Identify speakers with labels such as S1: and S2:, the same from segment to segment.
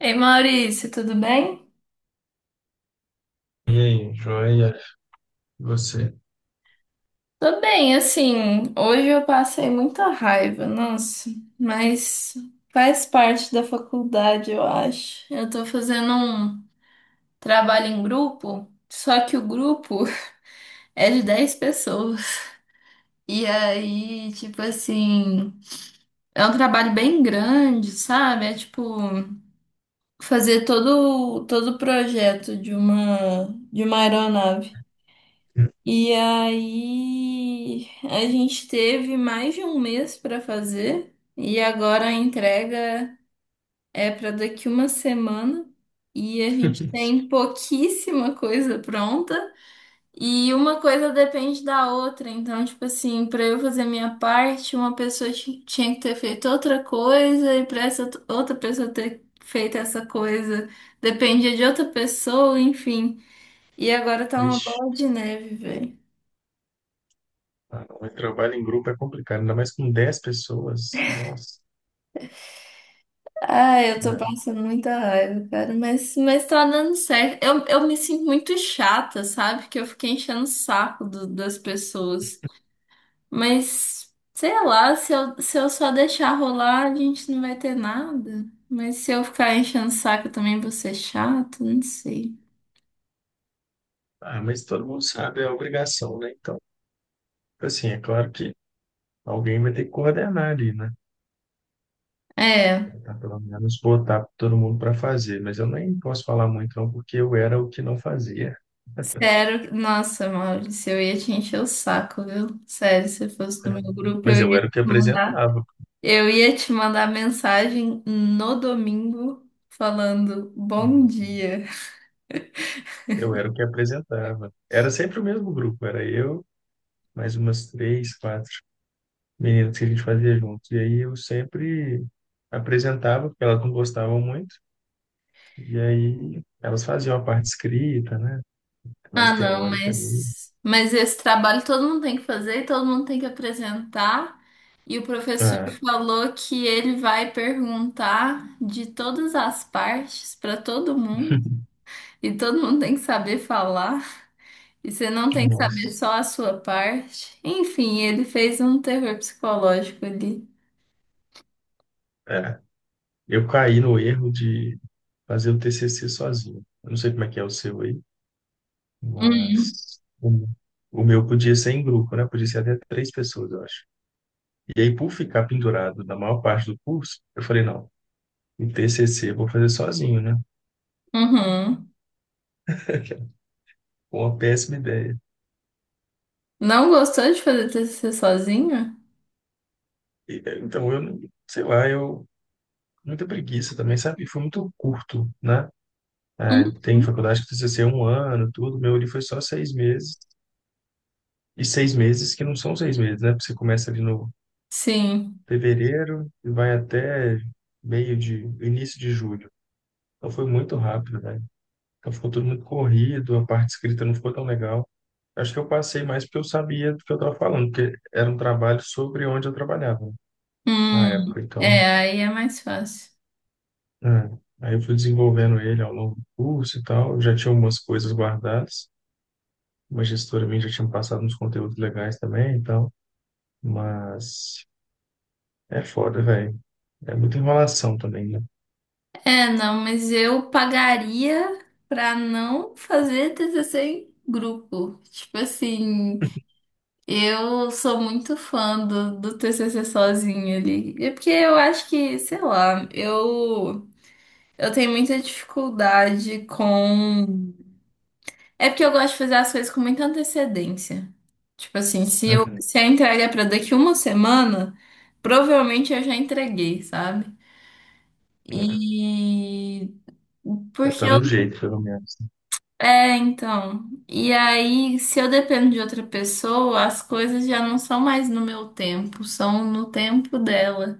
S1: Ei, Maurício, tudo bem?
S2: E aí, joia? E você?
S1: Tô bem, assim, hoje eu passei muita raiva, nossa, mas faz parte da faculdade, eu acho. Eu tô fazendo um trabalho em grupo, só que o grupo é de 10 pessoas. E aí, tipo assim, é um trabalho bem grande, sabe? É tipo fazer todo o projeto de uma aeronave. E aí a gente teve mais de um mês para fazer e agora a entrega é para daqui uma semana e a gente tem pouquíssima coisa pronta e uma coisa depende da outra. Então, tipo assim, para eu fazer minha parte, uma pessoa tinha que ter feito outra coisa e para essa outra pessoa ter feito essa coisa dependia de outra pessoa, enfim. E agora tá uma
S2: Vixe,
S1: bola de neve.
S2: ah, o trabalho em grupo é complicado, ainda mais com 10 pessoas. Nossa,
S1: Ah, eu tô
S2: né?
S1: passando muita raiva, cara, mas tá dando certo. Eu me sinto muito chata, sabe? Porque eu fiquei enchendo o saco das pessoas. Mas, sei lá, se eu só deixar rolar, a gente não vai ter nada. Mas se eu ficar enchendo o saco, eu também vou ser chato, não sei.
S2: Ah, mas todo mundo sabe, é obrigação, né? Então, assim, é claro que alguém vai ter que coordenar ali, né?
S1: É,
S2: Tá, pelo menos botar todo mundo para fazer. Mas eu nem posso falar muito, não, porque eu era o que não fazia,
S1: sério, nossa, Maurício, eu ia te encher o saco, viu? Sério, se eu fosse do
S2: né?
S1: meu grupo, eu
S2: Mas eu
S1: ia
S2: era
S1: te
S2: o que
S1: mandar.
S2: apresentava.
S1: Eu ia te mandar mensagem no domingo falando bom dia.
S2: Eu era o que apresentava. Era sempre o mesmo grupo, era eu, mais umas três, quatro meninas que a gente fazia juntos. E aí eu sempre apresentava, porque elas não gostavam muito. E aí elas faziam a parte escrita, né? Mais
S1: Ah, não,
S2: teórica ali.
S1: mas esse trabalho todo mundo tem que fazer, e todo mundo tem que apresentar. E o professor
S2: Ah,
S1: falou que ele vai perguntar de todas as partes para todo mundo. E todo mundo tem que saber falar. E você não tem que saber
S2: nossa.
S1: só a sua parte. Enfim, ele fez um terror psicológico ali.
S2: É. Eu caí no erro de fazer o TCC sozinho. Eu não sei como é que é o seu aí,
S1: Uhum.
S2: mas o meu podia ser em grupo, né? Podia ser até três pessoas, eu acho. E aí, por ficar pendurado na maior parte do curso, eu falei, não, o TCC eu vou fazer sozinho, né?
S1: Uhum.
S2: Uma péssima ideia.
S1: Não gostou de fazer TCC sozinho?
S2: Então, eu, não- sei lá, eu, muita preguiça também, sabe? Foi muito curto, né? É,
S1: Hum.
S2: tem faculdade que precisa ser um ano, tudo. Meu ali foi só 6 meses. E 6 meses que não são 6 meses, né? Porque você começa ali no
S1: Sim.
S2: fevereiro e vai até meio de, início de julho. Então, foi muito rápido, né? Então, ficou tudo muito corrido, a parte escrita não ficou tão legal. Acho que eu passei mais porque eu sabia do que eu estava falando, porque era um trabalho sobre onde eu trabalhava, né, na
S1: Hum,
S2: época. Então,
S1: é, aí é mais fácil.
S2: é, aí eu fui desenvolvendo ele ao longo do curso e tal. Eu já tinha algumas coisas guardadas. Uma gestora minha já tinha me passado uns conteúdos legais também e tal. Mas é foda, velho. É muita enrolação também, né?
S1: É, não, mas eu pagaria pra não fazer TCC em grupo. Tipo assim, eu sou muito fã do TCC sozinho ali. É porque eu acho que, sei lá, eu tenho muita dificuldade com. É porque eu gosto de fazer as coisas com muita antecedência. Tipo assim,
S2: Uhum.
S1: se a entrega é pra daqui uma semana, provavelmente eu já entreguei, sabe?
S2: É.
S1: E
S2: Já
S1: porque
S2: tá
S1: eu.
S2: no jeito, pelo menos.
S1: É, então. E aí, se eu dependo de outra pessoa, as coisas já não são mais no meu tempo, são no tempo dela.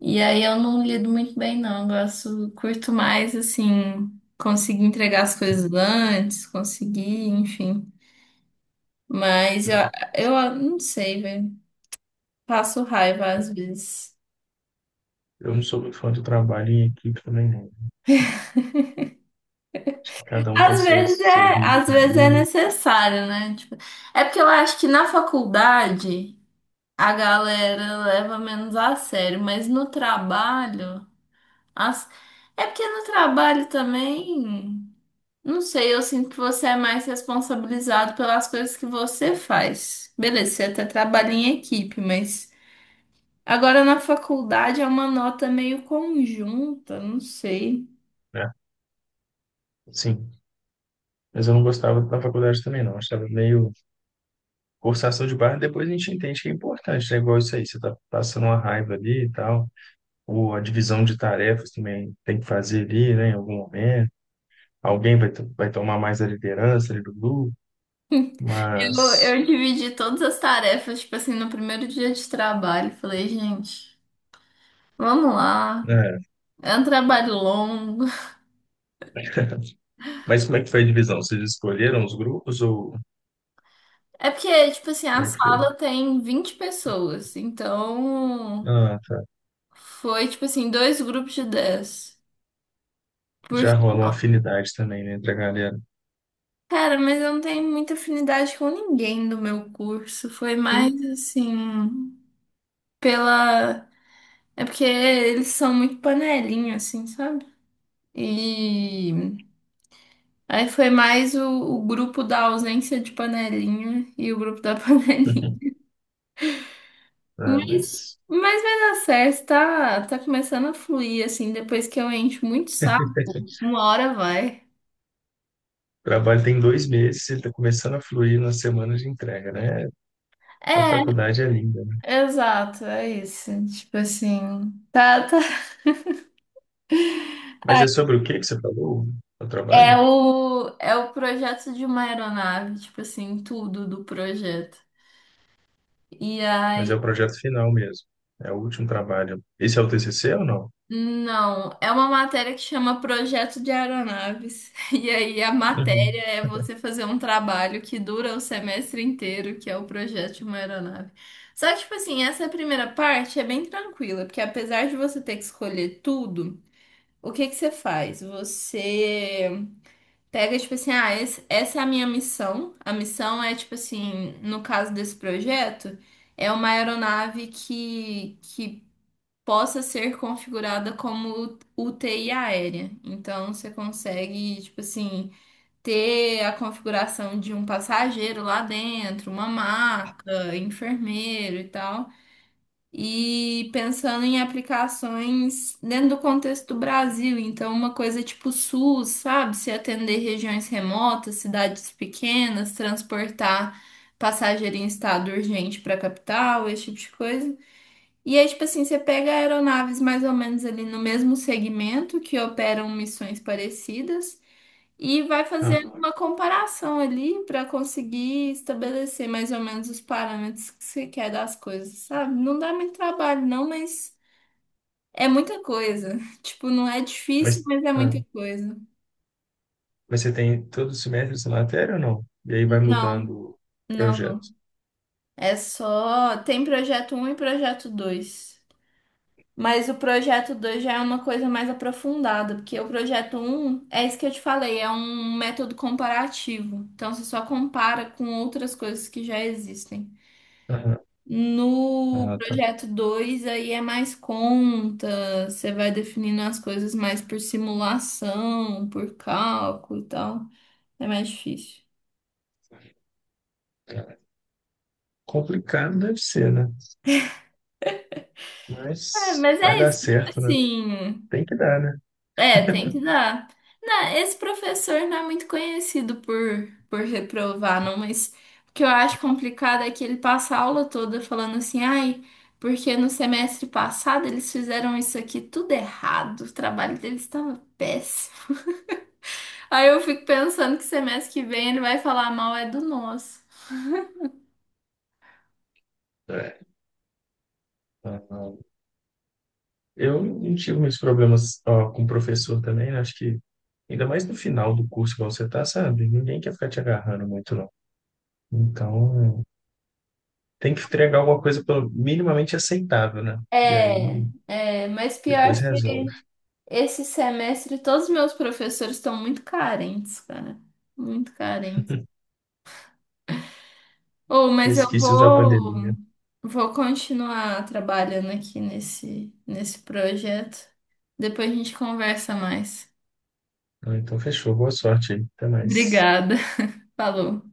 S1: E aí eu não lido muito bem, não. Eu gosto, curto mais, assim, conseguir entregar as coisas antes, conseguir, enfim. Mas eu,
S2: Né?
S1: não sei, velho. Passo raiva às vezes.
S2: Eu não sou muito fã do trabalho em equipe também, não. Acho que cada um tem
S1: Às
S2: seu,
S1: vezes
S2: seu
S1: é, às
S2: ritmo,
S1: vezes é necessário, né? Tipo, é porque eu acho que na faculdade a galera leva menos a sério, mas no trabalho, as... é porque no trabalho também, não sei, eu sinto que você é mais responsabilizado pelas coisas que você faz. Beleza, você é até trabalha em equipe, mas agora na faculdade é uma nota meio conjunta, não sei.
S2: né? Sim. Mas eu não gostava da faculdade também, não. Achava meio forçação de barra. Depois a gente entende que é importante, né? Igual isso aí. Você tá passando uma raiva ali e tal. Ou a divisão de tarefas também tem que fazer ali, né, em algum momento. Alguém vai, to- vai tomar mais a liderança ali do grupo,
S1: Eu,
S2: mas.
S1: eu dividi todas as tarefas, tipo assim, no primeiro dia de trabalho. Falei, gente, vamos lá.
S2: É.
S1: É um trabalho longo.
S2: Mas como é que foi a divisão? Vocês escolheram os grupos ou
S1: É porque, tipo assim, a
S2: como é que foi?
S1: sala tem 20 pessoas, então
S2: Ah, tá.
S1: foi, tipo assim, dois grupos de 10.
S2: Já
S1: Porque,
S2: rola uma afinidade também, né, entre a galera.
S1: cara, mas eu não tenho muita afinidade com ninguém do meu curso. Foi mais, assim, pela. É porque eles são muito panelinha, assim, sabe? E aí foi mais o grupo da ausência de panelinha e o grupo da panelinha.
S2: Ah,
S1: Mas,
S2: mas
S1: mas vai dar certo, tá, tá começando a fluir, assim, depois que eu encho muito saco, uma hora vai.
S2: o trabalho tem 2 meses, ele está começando a fluir na semana de entrega, né? A faculdade é linda, né?
S1: É, exato, é isso. Tipo assim, tá, tá.
S2: Mas
S1: Ai,
S2: é sobre o que que você falou, o
S1: É
S2: trabalho?
S1: o, é o projeto de uma aeronave, tipo assim, tudo do projeto. E
S2: Mas é
S1: aí.
S2: o projeto final mesmo. É o último trabalho. Esse é o TCC ou não?
S1: Não, é uma matéria que chama Projeto de Aeronaves. E aí a matéria
S2: Uhum.
S1: é você fazer um trabalho que dura o semestre inteiro, que é o projeto de uma aeronave. Só que, tipo assim, essa primeira parte é bem tranquila, porque apesar de você ter que escolher tudo, o que que você faz? Você pega, tipo assim, ah, essa é a minha missão. A missão é, tipo assim, no caso desse projeto, é uma aeronave que possa ser configurada como UTI aérea. Então você consegue, tipo assim, ter a configuração de um passageiro lá dentro, uma maca, enfermeiro e tal. E pensando em aplicações dentro do contexto do Brasil, então uma coisa tipo SUS, sabe? Se atender regiões remotas, cidades pequenas, transportar passageiro em estado urgente para a capital, esse tipo de coisa. E aí, tipo assim, você pega aeronaves mais ou menos ali no mesmo segmento que operam missões parecidas e vai fazendo
S2: Ah,
S1: uma comparação ali para conseguir estabelecer mais ou menos os parâmetros que você quer das coisas, sabe? Não dá muito trabalho, não, mas é muita coisa. Tipo, não é difícil,
S2: mas,
S1: mas é muita
S2: ah,
S1: coisa.
S2: mas você tem todo semestre essa matéria ou não? E aí vai mudando
S1: Não,
S2: o
S1: não, não.
S2: projeto.
S1: É só. Tem projeto um e projeto dois. Mas o projeto 2 já é uma coisa mais aprofundada, porque o projeto um é isso que eu te falei, é um método comparativo. Então você só compara com outras coisas que já existem.
S2: Aham.
S1: No
S2: Ah, tá.
S1: projeto 2 aí é mais conta, você vai definindo as coisas mais por simulação, por cálculo e tal. É mais difícil.
S2: Complicado deve ser, né?
S1: É,
S2: Mas
S1: mas
S2: vai
S1: é
S2: dar
S1: isso, tipo
S2: certo, né?
S1: assim.
S2: Tem que dar, né?
S1: É, tem que dar. Não, esse professor não é muito conhecido por reprovar, não, mas o que eu acho complicado é que ele passa a aula toda falando assim, ai, porque no semestre passado eles fizeram isso aqui tudo errado, o trabalho deles estava péssimo. Aí eu fico pensando que semestre que vem ele vai falar mal é do nosso.
S2: É. Aham. Eu não tive muitos problemas, ó, com o professor também, né? Acho que ainda mais no final do curso, igual você tá, sabe? Ninguém quer ficar te agarrando muito, não. Então, tem que entregar alguma coisa pelo minimamente aceitável, né? E aí
S1: É, é, mas
S2: depois
S1: pior que
S2: resolve.
S1: esse semestre todos os meus professores estão muito carentes, cara. Muito carentes. Oh, mas eu
S2: Resquícios da
S1: vou,
S2: pandemia.
S1: vou continuar trabalhando aqui nesse projeto. Depois a gente conversa mais.
S2: Ah, então, fechou. Boa sorte aí. Até mais.
S1: Obrigada. Falou.